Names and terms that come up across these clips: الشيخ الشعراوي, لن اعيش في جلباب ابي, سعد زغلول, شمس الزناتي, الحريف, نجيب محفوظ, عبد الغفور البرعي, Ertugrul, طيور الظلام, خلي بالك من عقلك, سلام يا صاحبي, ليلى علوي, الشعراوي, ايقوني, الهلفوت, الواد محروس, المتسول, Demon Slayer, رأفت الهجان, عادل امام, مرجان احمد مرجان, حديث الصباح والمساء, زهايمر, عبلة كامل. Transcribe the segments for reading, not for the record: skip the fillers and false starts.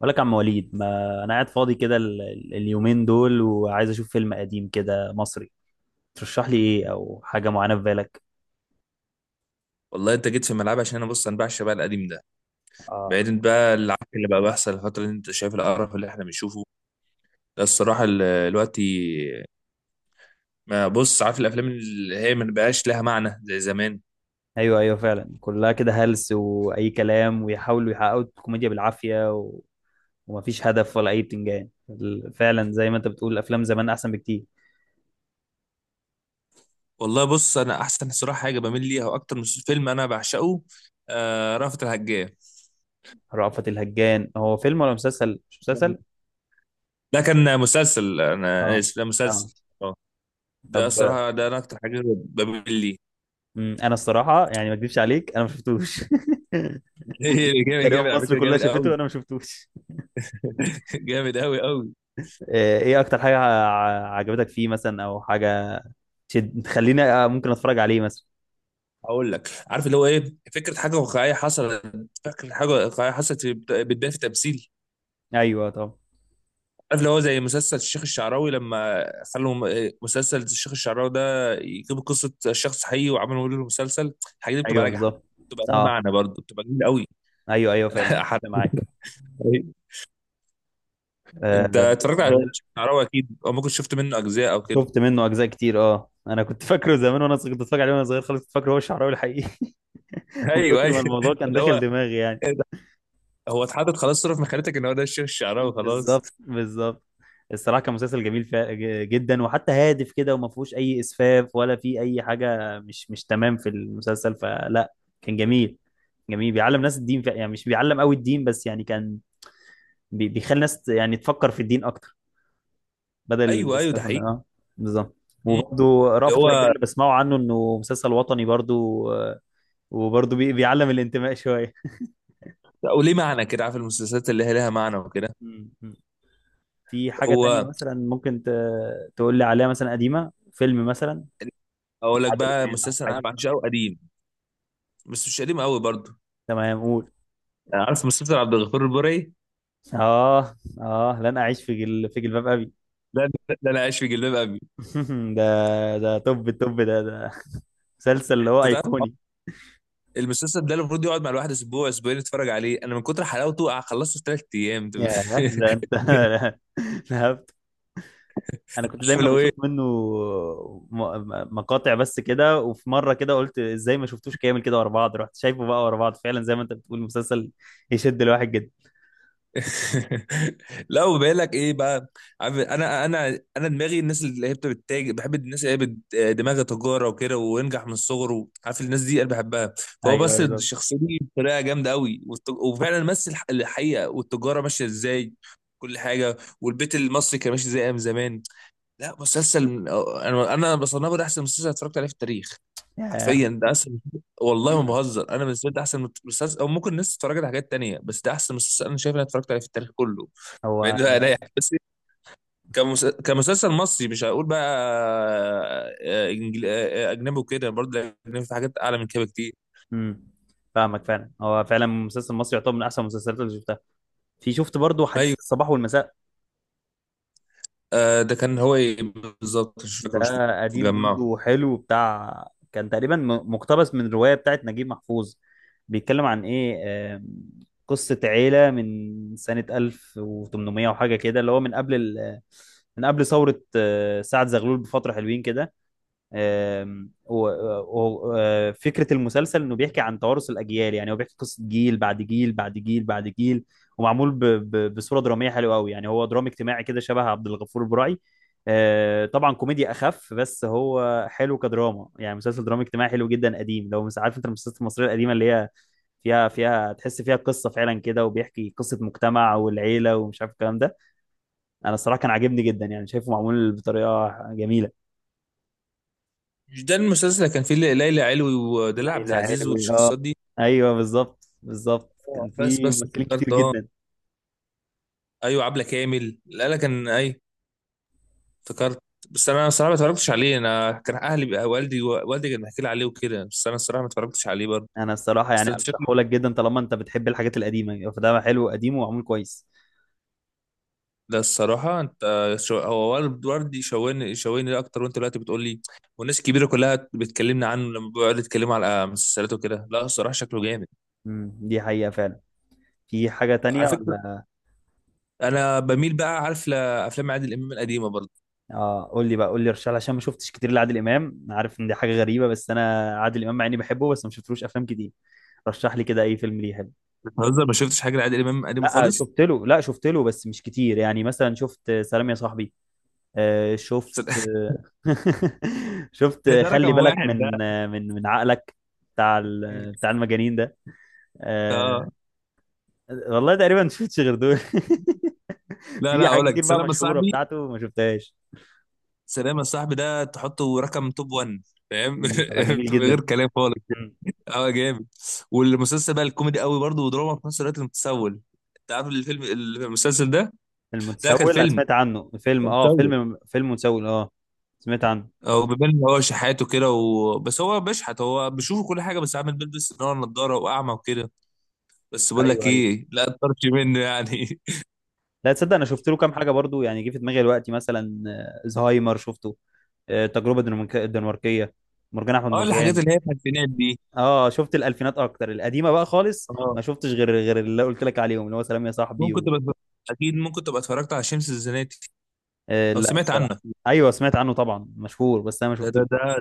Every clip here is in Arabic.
بقول لك يا عم وليد، ما انا قاعد فاضي كده اليومين دول وعايز اشوف فيلم قديم كده مصري. ترشح لي ايه او حاجه معينه في بالك؟ والله انت جيت في ملعب عشان انا بص انا بعشق بقى القديم ده. اه، بعيدا بقى عن اللي بقى بيحصل الفتره اللي انت شايف القرف اللي احنا بنشوفه ده الصراحه دلوقتي. ما بص عارف الافلام اللي هي ما بقاش لها معنى زي زمان. ايوه ايوه فعلا كلها كده هلس واي كلام، ويحاولوا يحققوا الكوميديا بالعافيه ومفيش هدف ولا اي بتنجان. فعلا زي ما انت بتقول افلام زمان احسن بكتير. والله بص انا احسن الصراحه حاجه بميل ليها واكتر من فيلم انا بعشقه، آه رأفت الهجان. رأفت الهجان هو فيلم ولا مسلسل؟ مش مسلسل. ده كان مسلسل، اه. انا اسف، ده اه. مسلسل، اه. ده طب، الصراحه ده انا اكتر حاجه بميل ليه. انا الصراحه يعني ما اكذبش عليك انا ما شفتوش. جامد تقريبا جامد، على مصر فكره كلها جامد شافته قوي. وانا ما شفتوش. جامد قوي قوي. آه، ايه اكتر حاجه عجبتك فيه مثلا، او حاجه تشد تخليني آه، ممكن اتفرج عليه مثلا؟ هقول لك، عارف اللي هو ايه، فكره حاجه واقعيه حصلت، فكره حاجه واقعيه حصلت بتبان في تمثيل. ايوه طبعا. عارف اللي هو زي مسلسل الشيخ الشعراوي، لما خلوا مسلسل الشيخ الشعراوي ده يجيبوا قصه شخص حقيقي وعملوا له مسلسل، الحاجات دي بتبقى ايوه ناجحه، بالظبط. بتبقى لها اه، معنى، برضه بتبقى جميله قوي. ايوه ايوه فعلا. انا أنا معاك. حرفياً. آه، انت اتفرجت ده على غير. الشيخ الشعراوي اكيد، او ممكن شفت منه اجزاء او كده. شفت منه اجزاء كتير، اه، انا كنت فاكره زمان وانا كنت اتفرج عليه وانا صغير خالص، كنت فاكره هو الشعراوي الحقيقي. من ايوه، كتر ما ايوه، الموضوع كان اللي داخل هو دماغي يعني. إيه ده؟ هو اتحطت خلاص صوره في مخيلتك ان هو ده الشيخ الشعراوي، خلاص. بالظبط بالظبط. الصراحه كان مسلسل جميل جدا، وحتى هادف كده، وما فيهوش اي اسفاف ولا في اي حاجه مش تمام في المسلسل فلا. كان جميل. جميل بيعلم ناس الدين، يعني مش بيعلم قوي الدين بس، يعني كان بيخلي ناس يعني تفكر في الدين اكتر، بدل ايوه، ايوه، ده الاسفاف حقيقي. اه. بالظبط. مم. وبرضه اللي رأفت الهجان هو، اللي بسمعه عنه انه مسلسل وطني برضه. آه، وبرضه بيعلم الانتماء شويه. وليه معنى كده، عارف المسلسلات اللي هي لها معنى وكده. م- م. في حاجه تانية هو مثلا ممكن تقول لي عليها مثلا قديمه، فيلم مثلا؟ اقول لك بقى الإمام أو مسلسل انا حاجة؟ بعشقه قديم، بس مش قديم قوي برضه. تمام، قول. يعني عارف مسلسل عبد الغفور البرعي، اه اه، لن اعيش في جلباب ابي. ده ده انا عايش في جلباب ابي. ده، ده توب التوب ده، ده مسلسل اللي هو انت تعرف، ايقوني. المسلسل ده المفروض يقعد مع الواحد اسبوع اسبوعين يتفرج عليه، انا من كتر حلاوته خلصته في 3 ايام. ياه، ده انت. فهمت. انا كنت عارف دايما لو بشوف ايه. منه مقاطع بس كده، وفي مره كده قلت ازاي ما شفتوش كامل كده ورا بعض، رحت شايفه بقى ورا بعض، فعلا زي ما انت بتقول مسلسل يشد الواحد جدا. لا، وبقول لك ايه بقى، عارف انا انا دماغي الناس اللي هي بتتاجر بحب، الناس اللي هي دماغها تجاره وكده وينجح من الصغر، عارف الناس دي انا بحبها. فهو ايوه ايوه بس بالظبط. الشخصيه دي بطريقه جامده قوي، وفعلا مثل الحقيقه والتجاره ماشيه ازاي. كل حاجه والبيت المصري كان ماشي زي ايام زمان. لا، مسلسل انا بصنفه ده احسن مسلسل اتفرجت عليه في التاريخ. ياه. حرفيا ده احسن. والله ما بهزر، انا بالنسبه لي ده احسن مسلسل، او ممكن الناس اتفرجت على حاجات تانية، بس ده احسن مسلسل انا شايف إن انا اتفرجت عليه في التاريخ كله. هو. بعيد بقى عن اي حاجة. بس كمسلسل مصري مش هقول بقى. آه، إنجل... آه، آه، اجنبي وكده، برضه الاجنبي في حاجات اعلى من كده كتير. امم، فاهمك. فعلا هو فعلا مسلسل مصري يعتبر من احسن المسلسلات اللي شفتها. في، شفت برضو حديث ايوه. الصباح والمساء آه، ده كان هو ايه، بالظبط مش ده، فاكر، مش قديم مجمعه. برضو حلو بتاع. كان تقريبا مقتبس من رواية بتاعت نجيب محفوظ. بيتكلم عن ايه؟ آم، قصة عيلة من سنة 1800 وحاجة كده، اللي هو من قبل من قبل ثورة آه، سعد زغلول بفترة حلوين كده. آم، فكرة المسلسل انه بيحكي عن توارث الاجيال، يعني هو بيحكي قصة جيل بعد جيل بعد جيل بعد جيل. ومعمول بصورة درامية حلوة قوي، يعني هو درامي اجتماعي كده شبه عبد الغفور البرعي. آه، طبعا كوميديا اخف، بس هو حلو كدراما، يعني مسلسل درامي اجتماعي حلو جدا قديم. لو مش عارف انت المسلسلات المصرية القديمة اللي هي فيها، فيها تحس فيها قصة فعلا كده، وبيحكي قصة مجتمع والعيلة ومش عارف الكلام ده. انا الصراحة كان عاجبني جدا يعني، شايفه معمول بطريقة جميلة. مش ده المسلسل اللي كان فيه ليلى علوي ودلال عبد ليلى العزيز علوي، اه. والشخصيات دي؟ ايوه بالظبط بالظبط، آه، كان بس في بس ممثلين كتير افتكرت، اه. جدا. ايوه عبله كامل، لا لا كان، ايوه افتكرت. بس انا الصراحه ما اتفرجتش عليه، انا كان اهلي بقى، والدي والدي كان بيحكي لي عليه وكده، بس انا الصراحه ما اتفرجتش عليه برضه. انا الصراحه بس يعني انت شكلك، ارشحه لك جدا، طالما انت بتحب الحاجات القديمه يعني، فده حلو قديم ومعمول كويس. ده الصراحه انت، هو والد والدي شويني شويني اكتر، وانت دلوقتي بتقول لي، والناس الكبيره كلها بتكلمنا عنه لما بيقعدوا يتكلموا على مسلسلات وكده، لا الصراحه شكله جامد. امم، دي حقيقه فعلا. في حاجه على تانية فكره، ولا؟ انا بميل بقى عارف لافلام عادل امام القديمه برضه. اه، قول لي بقى، قول لي، ارشح لي، عشان ما شفتش كتير لعادل امام. أنا عارف ان دي حاجه غريبه، بس انا عادل امام مع اني بحبه بس ما شفتلوش افلام كتير. رشح لي كده اي فيلم ليه حلو. بتهزر ما شفتش حاجه لعادل امام القديمه لا خالص؟ شفت له، لا شفت له، بس مش كتير. يعني مثلا شفت سلام يا صاحبي، آه، شفت شفت ده خلي رقم بالك واحد ده. من، من، عقلك، بتاع بتاع المجانين ده. آه. اه، والله تقريبا ما شفتش غير دول. لا في لا حاجات اقول لك، كتير بقى سلام يا مشهورة صاحبي. بتاعته ما شفتهاش. سلام يا صاحبي ده تحطه رقم توب 1، فاهم. مم، طلع جميل غير جدا. كلام خالص. مم. اه جامد. والمسلسل بقى الكوميدي قوي برضه ودراما في نفس الوقت، المتسول. انت عارف الفيلم المسلسل ده؟ ده كان المتسول، انا فيلم، سمعت عنه، فيلم؟ كان اه، مسلسل. فيلم، متسول، اه سمعت عنه. او بيبان ان هو شحاته كده و... بس هو بيشحت، هو بيشوف كل حاجه بس عامل بيلبس ان هو نضاره واعمى وكده. بس بقول ايوه لك ايوه. ايه، لا طرش منه يعني. لا تصدق انا شفت له كام حاجه برضو، يعني جه في دماغي دلوقتي مثلا آه، زهايمر شفته، آه، التجربه الدنماركيه، مرجان احمد اه الحاجات مرجان. اللي هي الخمسينات دي. اه شفت الالفينات اكتر، القديمه بقى خالص اه ما شفتش غير، غير اللي قلت لك عليهم اللي هو سلام يا صاحبي ممكن تبقى، اكيد ممكن تبقى اتفرجت على شمس الزناتي، آه، او لا سمعت عنه. الصراحه. ايوه سمعت عنه طبعا، مشهور، بس انا ما ده شفتوش ده ده، برضه.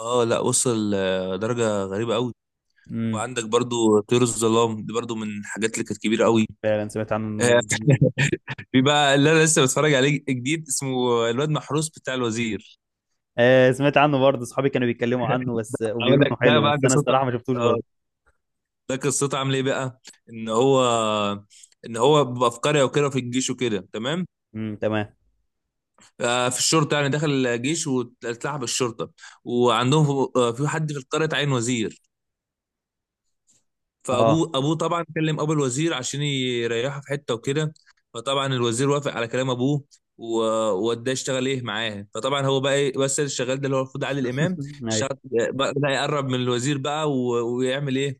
اه لا وصل درجة غريبة قوي. امم. وعندك برضو طيور الظلام دي برضو من الحاجات اللي كانت كبيرة قوي. فعلا سمعت عنه انه آه. جميل. في بقى اللي انا لسه بتفرج عليه جديد اسمه الواد محروس بتاع الوزير. آه سمعت عنه برضه، اصحابي كانوا بيتكلموا عنه بس، اقول وبيقولوا لك انه ده حلو، بقى بس انا قصته. الصراحه ما شفتوش اه. برضه. ده قصته عامل ايه بقى؟ ان هو ان هو بيبقى في قريه وكده في الجيش وكده، تمام. تمام. في الشرطه يعني، دخل الجيش واتلعب الشرطه، وعندهم في في حد في القريه اتعين وزير. اه. ابوه طبعا كلم ابو الوزير عشان يريحه في حته وكده. فطبعا الوزير وافق على كلام ابوه، و- ووداه يشتغل ايه معاه، فطبعا هو بقى ايه بس الشغال ده اللي هو المفروض علي الامام. اشتغل ايوه. بقى يقرب من الوزير بقى ويعمل ايه،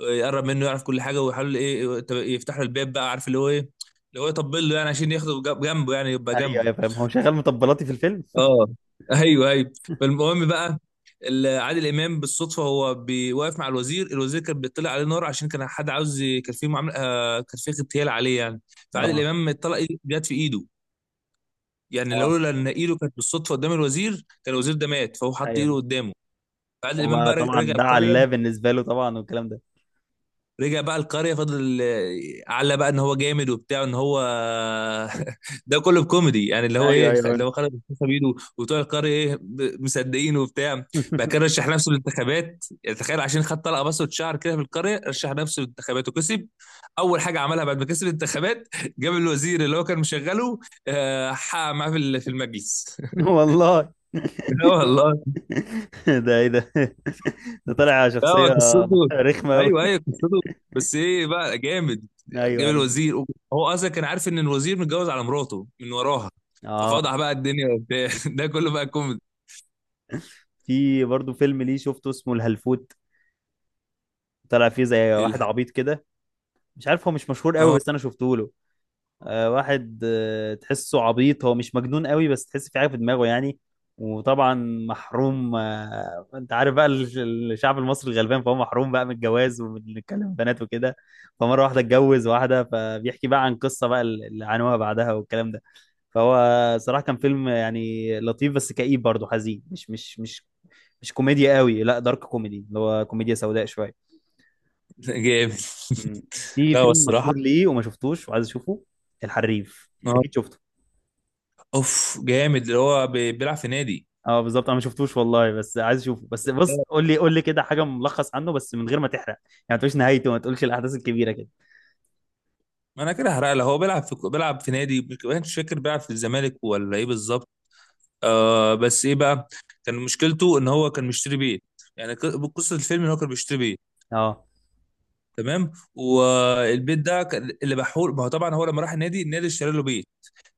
يقرب منه يعرف كل حاجه، ويحاول ايه، يفتح له الباب بقى عارف اللي هو ايه، اللي هو يطبل له يعني عشان ياخده جنبه يعني يبقى ايوه جنبه. ايوه فاهم، هو شغال مطبلاتي في الفيلم. اه، ايوه ايوه. فالمهم بقى عادل امام بالصدفه هو بيوقف مع الوزير، الوزير كان بيطلع عليه نار عشان كان حد عاوز كان في معامله، كان في اغتيال عليه يعني. فعادل اه امام اتطلق جت في ايده، يعني اه لولا ان ايده كانت بالصدفه قدام الوزير كان الوزير ده مات، فهو حط ايده ايوه. قدامه. فعادل هو امام بقى بقى طبعا رجع ده القريه. علاه بالنسبه له طبعا والكلام ده. رجع بقى القرية، فضل على بقى ان هو جامد وبتاع ان هو، ده كله بكوميدي يعني، اللي هو ايوه ايه، اللي ايوه. هو خرج القصة بيده وبتوع القرية ايه مصدقين وبتاع. بقى كان رشح نفسه للانتخابات يعني، تخيل عشان خد طلقة بصة شعر كده في القرية رشح نفسه للانتخابات وكسب. اول حاجة عملها بعد ما كسب الانتخابات جاب الوزير اللي هو كان مشغله، حقق معاه في في المجلس. والله. لا والله. ده ايه ده؟ ده طالع لا هو شخصية قصته، رخمة أوي. ايوه ايوه قصته، بس ايه بقى جامد. أيوه جاب أيوه. الوزير، هو اصلا كان عارف ان الوزير متجوز على مراته من وراها، آه، ففضح بقى الدنيا وبتاع، ده كله بقى كوميدي. في برضه فيلم ليه شفته اسمه الهلفوت، طلع فيه زي واحد الح- عبيط كده، مش عارف، هو مش مشهور قوي اه بس أنا شفته له. آه واحد آه تحسه عبيط، هو مش مجنون قوي بس تحس في حاجة في دماغه يعني. وطبعا محروم، آه انت عارف بقى الشعب المصري الغلبان، فهو محروم بقى من الجواز ومن الكلام بنات وكده، فمرة واحدة اتجوز واحدة، فبيحكي بقى عن قصة بقى اللي عانوها بعدها والكلام ده. فهو صراحة كان فيلم يعني لطيف بس كئيب برضه، حزين، مش كوميديا قوي، لا دارك كوميدي، اللي هو كوميديا سوداء شوية. جامد. مم. في لا هو فيلم مشهور الصراحه، ليه وما شفتوش وعايز اشوفه، الحريف، أنت اه اكيد شفته. اوف جامد، اللي هو بيلعب في نادي. اه بالظبط، انا ما شفتوش والله بس عايز اشوفه، بس بص لا، قول لي، قول لي كده حاجة ملخص عنه بس من غير ما تحرق يعني، ما تقولش نهايته، ما تقولش الاحداث الكبيرة كده. ما انا كده هحرق له، هو بيلعب في نادي، مش فاكر بيلعب في الزمالك ولا ايه بالظبط. آه، بس ايه بقى، كان مشكلته ان هو كان مشتري بيت. يعني قصه الفيلم ان هو كان بيشتري بيت. اه تمام، والبيت ده اللي بحول ما هو طبعا، هو لما راح النادي النادي اشترى له بيت.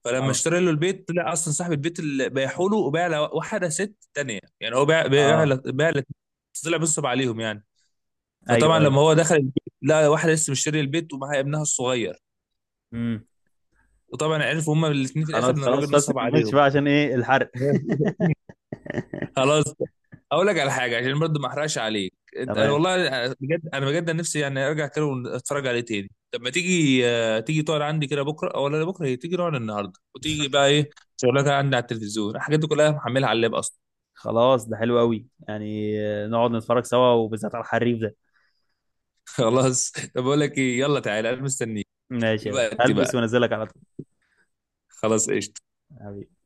فلما اه اشترى له البيت طلع اصلا صاحب البيت اللي بيحوله وباع لواحده ست تانية، يعني هو باع باع اه. باع، طلع بينصب عليهم يعني. فطبعا ايوه ايوه. لما هو دخل البيت لقى واحده لسه مشتري البيت ومعاها ابنها الصغير، امم. وطبعا عرفوا هما الاثنين في الاخر خلاص ان الراجل خلاص، بس ما نصب تكملش عليهم. بقى عشان ايه الحرق. خلاص. اقول لك على حاجه عشان برضه ما احرقش عليك انت، انا تمام والله بجد، انا بجد نفسي يعني ارجع كده واتفرج عليه تاني. طب ما تيجي تقعد عندي كده بكره، او لا بكره هي، تيجي نقعد النهارده، وتيجي بقى ايه، شغلك عندي على التلفزيون، الحاجات دي كلها محملها على اللاب اصلا. خلاص، ده حلو قوي يعني، آه، نقعد نتفرج سوا وبالذات على الحريف ده. خلاص، طب بقول لك ايه، يلا تعالى، انا مستنيك. ماشي يا باشا، دلوقتي هلبس بقى. وانزلك على طول. خلاص، قشطه. حبيبي.